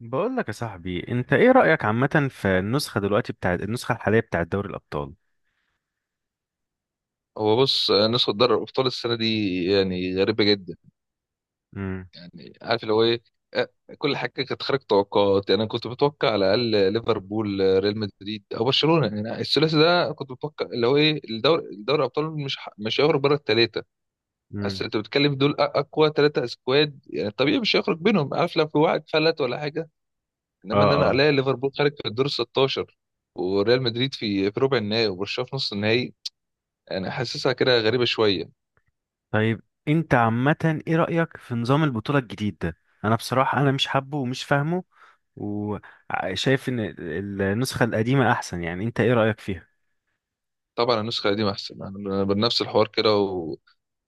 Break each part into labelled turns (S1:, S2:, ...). S1: بقول لك يا صاحبي، انت ايه رأيك عامة في النسخة دلوقتي بتاعت النسخة الحالية بتاعت دوري الأبطال؟
S2: هو بص نسخة دوري الأبطال السنة دي يعني غريبة جدا.
S1: امم.
S2: يعني عارف اللي هو إيه. آه، كل حاجة كانت خارج توقعات، يعني أنا كنت متوقع على الأقل ليفربول، ريال مدريد أو برشلونة. يعني الثلاثي ده كنت متوقع اللي هو إيه الدوري دوري الأبطال مش هيخرج بره التلاتة.
S1: امم.
S2: بس أنت بتتكلم دول أقوى تلاتة سكواد، يعني طبيعي مش هيخرج بينهم، عارف، لو في واحد فلت ولا حاجة.
S1: اه،
S2: إنما إن أنا
S1: اه.
S2: ألاقي ليفربول خارج في الدور 16، وريال مدريد في ربع النهائي، وبرشلونة في نص النهائي. يعني حاسسها كده غريبة شوية.
S1: طيب، انت عامة ايه رأيك في نظام البطولة الجديد ده؟ انا بصراحة انا مش حابه ومش فاهمه، وشايف ان النسخة القديمة احسن. يعني انت ايه رأيك فيها؟
S2: طبعا النسخة القديمة أحسن، يعني بنفس الحوار كده، و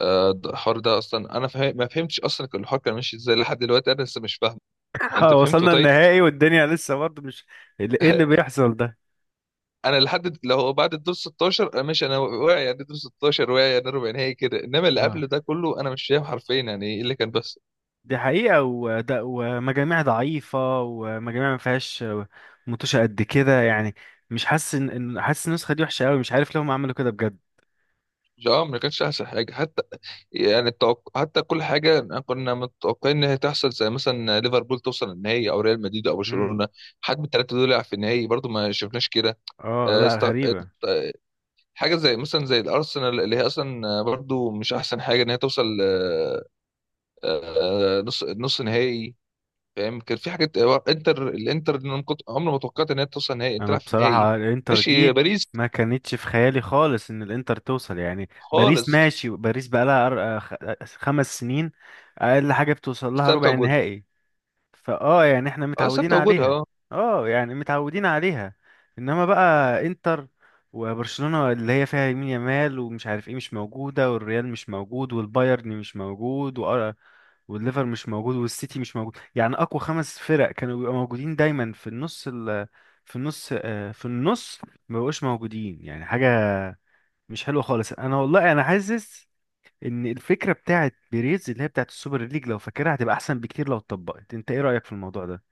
S2: الحوار ده أصلا أنا ما فهمتش أصلا كان الحوار كان ماشي إزاي. لحد دلوقتي أنا لسه مش فاهم. أنت فهمته
S1: وصلنا
S2: طيب؟
S1: النهائي والدنيا لسه برضه مش... ايه اللي بيحصل ده؟
S2: أنا لو بعد الدور 16 أنا ماشي، أنا واعي، يعني الدور 16 واعي، يعني ربع نهائي كده. إنما اللي
S1: اه،
S2: قبله ده كله أنا مش فاهم حرفيا يعني إيه اللي كان بس.
S1: دي حقيقة، وده ومجاميع ضعيفة ومجاميع ما فيهاش متوشة قد كده يعني. مش حاسس ان حاسس النسخة دي وحشة قوي، مش عارف ليه هم عملوا كده بجد.
S2: اه ما كانش أحسن حاجة حتى. يعني حتى كل حاجة كنا متوقعين إن هي تحصل، زي مثلا ليفربول توصل النهائي أو ريال مدريد أو
S1: امم
S2: برشلونة، حد من الثلاثة دول يلعب في النهائي، برضه ما شفناش كده.
S1: اه،
S2: آه،
S1: لا،
S2: است...
S1: غريبة.
S2: حاجه زي مثلا زي الارسنال، اللي هي اصلا برضو مش احسن حاجه ان هي توصل، نص نهائي، فاهم. كان في حاجات، الانتر، إن أنا كنت عمري ما توقعت ان هي توصل نهائي،
S1: انا
S2: تلعب في النهائي.
S1: بصراحة الانتر
S2: ماشي،
S1: دي
S2: باريس.
S1: ما كانتش في خيالي خالص ان الانتر توصل. يعني باريس،
S2: خالص.
S1: ماشي، باريس بقى لها 5 سنين، اقل حاجة بتوصل لها
S2: ثابته
S1: ربع
S2: وجودها.
S1: نهائي. فاه يعني احنا
S2: اه
S1: متعودين
S2: ثابته وجودها
S1: عليها.
S2: اه.
S1: اه يعني متعودين عليها. انما بقى انتر، وبرشلونة اللي هي فيها يمين يامال ومش عارف ايه مش موجودة، والريال مش موجود، والبايرن مش موجود، والليفر مش موجود، والسيتي مش موجود. يعني اقوى خمس فرق كانوا بيبقوا موجودين دايما في النص ال... في النص آه، في النص ما بقوش موجودين. يعني حاجة مش حلوة خالص. انا والله انا حاسس ان الفكره بتاعت بيريز، اللي هي بتاعت السوبر ليج، لو فاكرها، هتبقى احسن بكتير لو اتطبقت. انت ايه رايك في الموضوع ده؟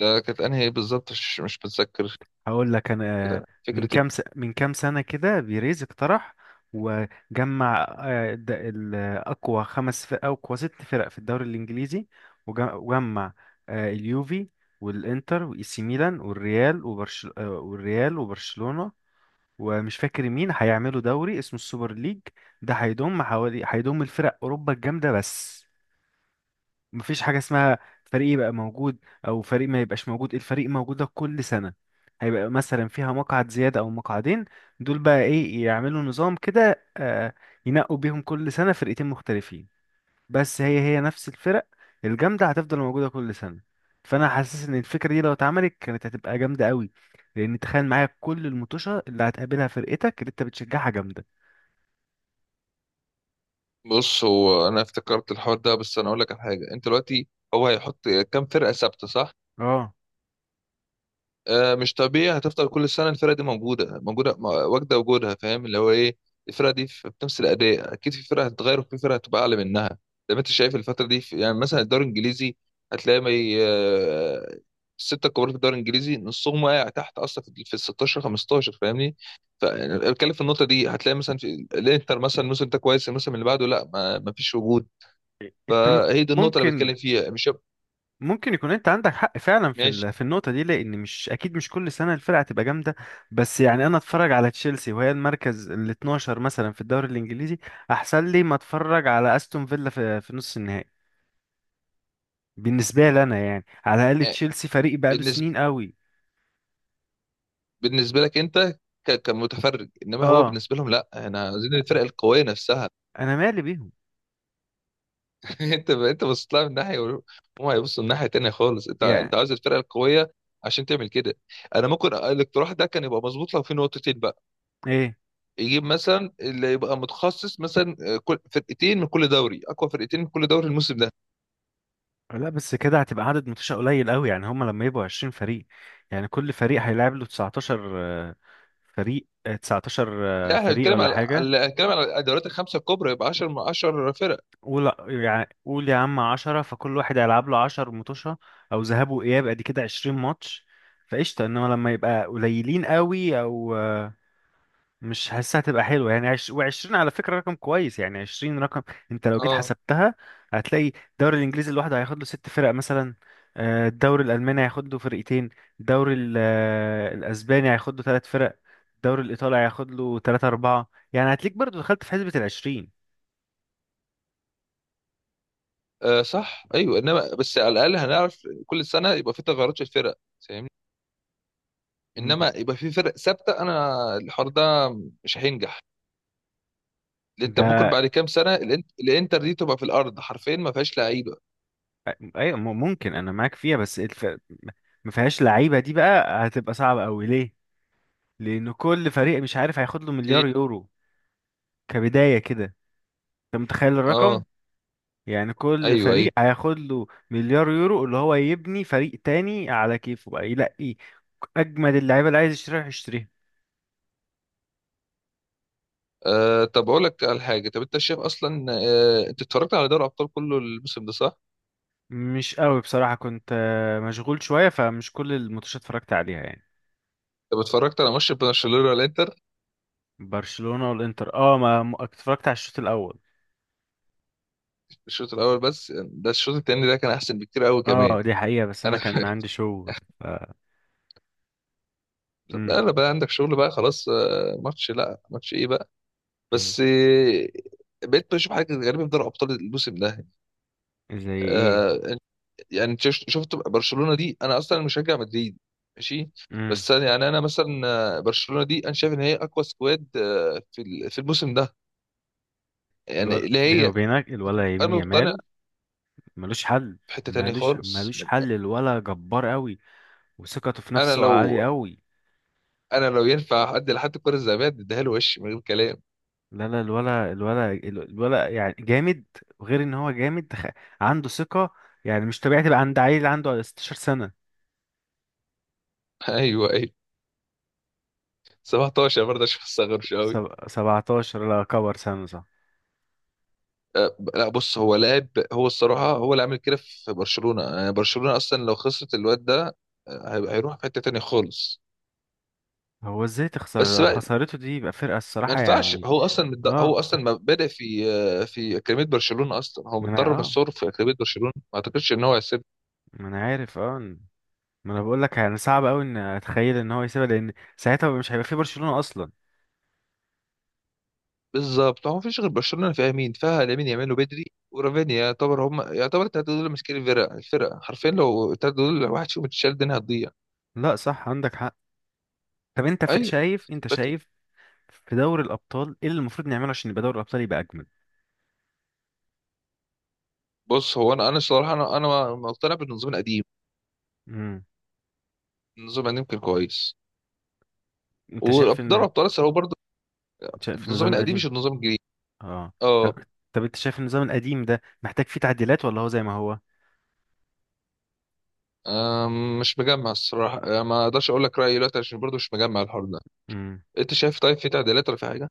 S2: ده كانت انهي بالظبط؟ مش متذكر.
S1: هقول لك انا.
S2: كده
S1: من
S2: فكرتي.
S1: من كام سنه كده بيريز اقترح وجمع، اقوى خمس فرق او اقوى ست فرق في الدوري الانجليزي، وجمع اليوفي والانتر واي سي ميلان والريال وبرشلونه، ومش فاكر مين، هيعملوا دوري اسمه السوبر ليج. ده هيضم حوالي، الفرق اوروبا الجامده بس. مفيش حاجة اسمها فريق يبقى موجود أو فريق ما يبقاش موجود. الفريق موجود ده كل سنة. هيبقى مثلا فيها مقعد زيادة أو مقعدين. دول بقى إيه يعملوا نظام كده، ينقوا بيهم كل سنة فرقتين مختلفين. بس هي هي نفس الفرق الجامدة هتفضل موجودة كل سنة. فأنا حاسس إن الفكرة دي لو اتعملت كانت هتبقى جامدة قوي، لأن تخيل معايا كل المطوشة اللي هتقابلها فرقتك اللي أنت بتشجعها جامدة.
S2: بص هو انا افتكرت الحوار ده، بس انا اقول لك على حاجه. انت دلوقتي هو هيحط كام فرقه ثابته، صح؟
S1: اه،
S2: مش طبيعي هتفضل كل سنه الفرقه دي موجوده موجوده، واجده وجودها، فاهم اللي هو ايه. الفرقه دي في بنفس الاداء، اكيد في فرقه هتتغير وفي فرقه هتبقى اعلى منها. زي ما انت شايف الفتره دي، في يعني مثلا الدوري الانجليزي هتلاقي ما ي- آه، السته الكبار في الدوري الانجليزي نصهم واقع تحت اصلا، في ال 16 15، فاهمني؟ فبتكلم في النقطه دي. هتلاقي مثلا في الانتر، مثلا الموسم ده كويس، الموسم اللي بعده لا، ما فيش وجود.
S1: أنت
S2: فهي دي النقطه اللي
S1: ممكن
S2: بتكلم فيها، مش
S1: ممكن يكون انت عندك حق فعلا في
S2: ماشي.
S1: في النقطه دي، لان مش اكيد مش كل سنه الفرقه هتبقى جامده. بس يعني انا اتفرج على تشيلسي وهي المركز ال 12 مثلا في الدوري الانجليزي احسن لي ما اتفرج على استون فيلا في نص النهائي. بالنسبه لي انا، يعني على الاقل تشيلسي فريق بقاله سنين قوي.
S2: بالنسبه لك انت كمتفرج، انما هو
S1: اه،
S2: بالنسبه لهم لا، احنا عايزين الفرق القويه نفسها.
S1: انا مالي بيهم.
S2: انت بصيت لها من ناحيه، وهم هيبصوا من ناحيه تانية خالص. انت
S1: يعني
S2: انت عايز الفرق القويه عشان تعمل كده. انا ممكن الاقتراح ده كان يبقى مظبوط لو في نقطتين بقى.
S1: ايه،
S2: يجيب مثلا اللي يبقى متخصص، مثلا كل فرقتين من كل دوري، اقوى فرقتين من كل دوري الموسم ده.
S1: لا بس كده هتبقى عدد ماتشات قليل قوي. يعني هما لما يبقوا 20 فريق، يعني كل فريق هيلعب له 19 فريق، 19
S2: لا احنا
S1: فريق
S2: بنتكلم
S1: ولا حاجة.
S2: بنتكلم على الدوريات الخمسه الكبرى، يبقى 10 من 10 فرق.
S1: قول قول يا عم عشرة، فكل واحد هيلعب له 10 متوشة أو ذهاب وإياب، أدي كده 20 ماتش، فقشطة. إنما لما يبقى قليلين قوي أو مش حاسسها هتبقى حلوة. يعني و20، على فكرة، رقم كويس. يعني 20 رقم أنت لو جيت
S2: اه.
S1: حسبتها، هتلاقي الدوري الإنجليزي لوحده هياخد له ست فرق مثلا، الدوري الألماني هياخد له فرقتين، الدوري الأسباني هياخد له ثلاث فرق، الدوري الإيطالي هياخد له تلاتة أربعة، يعني هتلاقيك برضو دخلت في حسبة الـ20.
S2: صح ايوه، انما بس على الاقل هنعرف كل سنه يبقى في تغيرات في الفرق، فاهمني؟
S1: مم.
S2: انما يبقى في فرق ثابته، انا الحوار ده مش هينجح، لأن انت ممكن
S1: ده،
S2: بعد كام سنه الانتر دي تبقى في الارض حرفيا، ما فيهاش لعيبه.
S1: ايوه، ممكن انا معاك فيها. بس ما فيهاش لعيبه دي بقى هتبقى صعبه قوي. ليه؟ لان كل فريق مش عارف هياخد له
S2: دي-
S1: مليار يورو كبدايه كده. انت متخيل الرقم؟
S2: اه
S1: يعني كل
S2: ايوه ايوه.
S1: فريق هياخد له مليار يورو، اللي هو يبني فريق تاني على كيفه، بقى يلاقي اجمد اللعيبه اللي عايز يشتريها يشتريها.
S2: آه طب اقول لك على حاجه. طب انت شايف اصلا، آه، انت اتفرجت على دوري ابطال كله الموسم ده، صح؟
S1: مش قوي بصراحه، كنت مشغول شويه، فمش كل الماتشات اتفرجت عليها يعني.
S2: طب اتفرجت على ماتش برشلونه الانتر؟
S1: برشلونه والانتر، اه، اتفرجت على الشوط الاول.
S2: الشوط الاول بس ده، الشوط التاني ده كان احسن بكتير قوي كمان.
S1: اه، دي حقيقه بس انا
S2: انا
S1: كان عندي شغل.
S2: لا
S1: امم
S2: لا بقى عندك شغل بقى، خلاص، ماتش لا ماتش ايه بقى.
S1: امم
S2: بس بقيت بشوف حاجه غريبه في دوري ابطال الموسم ده.
S1: زي ايه؟
S2: آه، يعني انت شفت برشلونه دي. انا اصلا مشجع مدريد، ماشي،
S1: امم
S2: بس أنا يعني انا مثلا برشلونه دي انا شايف ان هي اقوى سكواد في في الموسم ده. يعني اللي
S1: بيني
S2: هي
S1: وبينك الولا يمين
S2: انا مقتنع
S1: يمال ملوش حل.
S2: في حته تانية خالص.
S1: ملوش حل، الولا جبار قوي وثقته في
S2: انا
S1: نفسه
S2: لو
S1: عالي قوي.
S2: انا لو ينفع ادي لحد الكره الذهبيه اديها له وش من غير كلام.
S1: لا، لا، الولا الولا الولا يعني جامد، وغير ان هو جامد عنده ثقة. يعني مش طبيعي تبقى عند عيل عنده 16 سنة.
S2: ايوه ايوه. 17 برضه عشان ما استغربش قوي.
S1: 17. لا كبر سنة، صح.
S2: لا بص، هو لاعب، هو الصراحه هو اللي عامل كده في برشلونه. يعني برشلونه اصلا لو خسرت الواد ده، هيروح في حته تانية خالص.
S1: هو ازاي تخسر؟
S2: بس
S1: لو
S2: بقى
S1: خسارته دي يبقى فرقة
S2: ما
S1: الصراحة
S2: ينفعش،
S1: يعني.
S2: هو اصلا
S1: اه،
S2: هو اصلا ما بادئ في في اكاديميه برشلونه اصلا، هو
S1: ما انا
S2: متدرب
S1: اه
S2: الصور في اكاديميه برشلونه. ما اعتقدش ان هو هيسيب.
S1: ما انا عارف، اه، ما انا بقول لك يعني صعب قوي ان اتخيل ان هو يسيبها، لان ساعتها مش هيبقى في برشلونة اصلا.
S2: بالظبط، هو ما فيش غير برشلونه. فيها مين؟ فيها لامين يامال وبدري ورافينيا. يعتبر، هم يعتبر التلاته دول ماسكين الفرقه. الفرقه حرفيا لو التلاته دول واحد فيهم اتشال الدنيا هتضيع.
S1: لا، صح، عندك حق. طب انت
S2: ايوه
S1: شايف،
S2: بس.
S1: في دوري الابطال ايه اللي المفروض نعمله عشان يبقى دوري الابطال يبقى اجمل؟
S2: بص هو انا الصراحه انا مقتنع بالنظام القديم.
S1: امم
S2: النظام القديم كان كويس،
S1: انت
S2: ودوري ابطال اسيا هو برضه
S1: شايف
S2: النظام
S1: النظام
S2: القديم مش
S1: القديم.
S2: النظام الجديد.
S1: اه، طب،
S2: اه.
S1: طب انت شايف النظام القديم ده محتاج فيه تعديلات ولا هو زي ما هو؟
S2: آم، مش مجمع الصراحه، ما اقدرش اقول لك رايي دلوقتي عشان برضه مش مجمع الحوار ده. انت شايف طيب، في تعديلات ولا في حاجه؟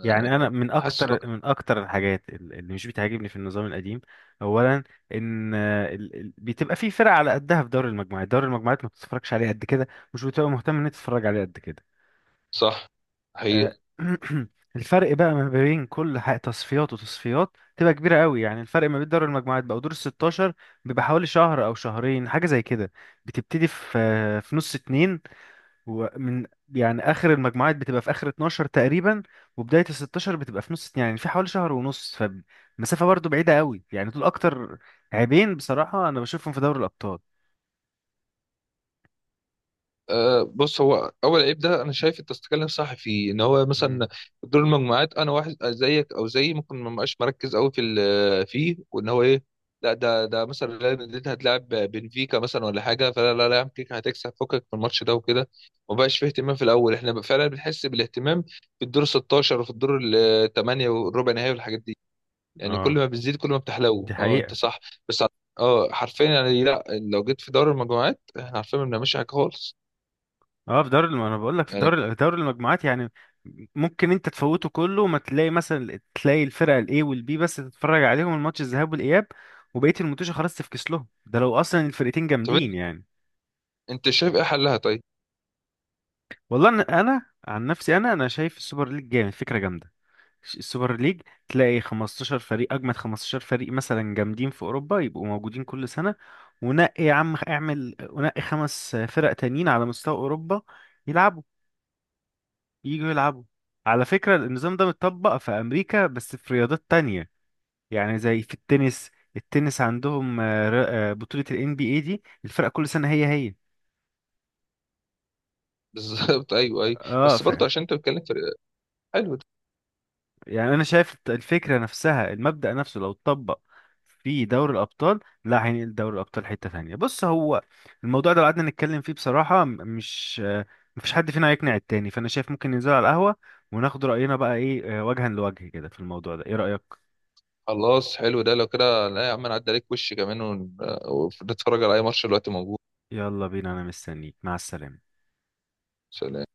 S2: آه،
S1: يعني انا من
S2: حاسس إن هو
S1: اكتر الحاجات اللي مش بتعجبني في النظام القديم: اولا، ان بتبقى في فرق على قدها في دوري المجموعات. دوري المجموعات ما بتتفرجش عليه قد كده، مش بتبقى مهتم ان انت تتفرج عليه قد كده.
S2: صح، حقيقة.
S1: آه، الفرق بقى ما بين كل تصفيات وتصفيات تبقى كبيره قوي. يعني الفرق ما بين دوري المجموعات بقى ودور ال 16 بيبقى حوالي شهر او شهرين حاجه زي كده. بتبتدي في نص اتنين، هو من يعني اخر المجموعات بتبقى في اخر 12 تقريبا، وبدايه ال 16 بتبقى في نص، يعني في حوالي شهر ونص. فمسافه برضو بعيده قوي يعني. دول اكتر عيبين بصراحه انا بشوفهم في دوري الابطال.
S2: أه بص، هو اول عيب ده انا شايف انت بتتكلم صح فيه، ان هو مثلا
S1: مم.
S2: دور المجموعات انا واحد زيك او زيي ممكن ما بقاش مركز قوي في فيه، وان هو ايه، لا ده مثلا ريال مدريد هتلاعب بنفيكا مثلا ولا حاجه، فلا لا لا يا عم، كيكا هتكسب فكك من الماتش ده وكده. ما بقاش فيه اهتمام في الاول. احنا بقى فعلا بنحس بالاهتمام في الدور 16 وفي الدور الثمانيه والربع نهائي والحاجات دي. يعني كل
S1: اه،
S2: ما بتزيد كل ما
S1: دي
S2: بتحلو. اه انت
S1: حقيقة.
S2: صح. بس اه حرفيا، يعني لا، لو جيت في دوري المجموعات احنا عارفين ما بنعملش حاجه خالص.
S1: اه، انا بقول لك في
S2: يعني.
S1: دوري المجموعات يعني ممكن انت تفوته كله، وما تلاقي مثلا تلاقي الفرقه الاي والبي بس، تتفرج عليهم الماتش الذهاب والاياب، وبقيه الماتش خلاص تفكس لهم، ده لو اصلا الفرقتين
S2: طب
S1: جامدين
S2: انت،
S1: يعني.
S2: أنت شايف ايه حلها طيب؟
S1: والله انا، عن نفسي، انا شايف السوبر ليج جامد. فكره جامده السوبر ليج. تلاقي 15 فريق، اجمد 15 فريق مثلا جامدين في اوروبا، يبقوا موجودين كل سنه. ونقي يا عم، اعمل ونقي خمس فرق تانيين على مستوى اوروبا، يلعبوا يجوا يلعبوا. على فكره النظام ده متطبق في امريكا بس في رياضات تانية. يعني زي في التنس عندهم بطوله ال NBA دي، الفرق كل سنه هي هي.
S2: بالظبط ايوه ايوه.
S1: اه،
S2: بس برضه عشان انت بتتكلم في، حلو ده.
S1: يعني انا شايف الفكره نفسها، المبدا نفسه لو اتطبق في دوري الابطال لا هينقل دوري الابطال حته ثانيه. بص، هو الموضوع ده لو قعدنا نتكلم فيه بصراحه م- مش آه، مفيش حد فينا هيقنع التاني. فانا شايف ممكن ننزل على القهوه وناخد راينا بقى ايه وجها لوجه كده في الموضوع ده. ايه رايك؟
S2: خلاص حلو ده لو كده. لا يا عم، نعدي عليك وش كمان ونتفرج على اي ماتش دلوقتي موجود.
S1: يلا بينا، انا مستنيك. مع السلامه.
S2: سلام.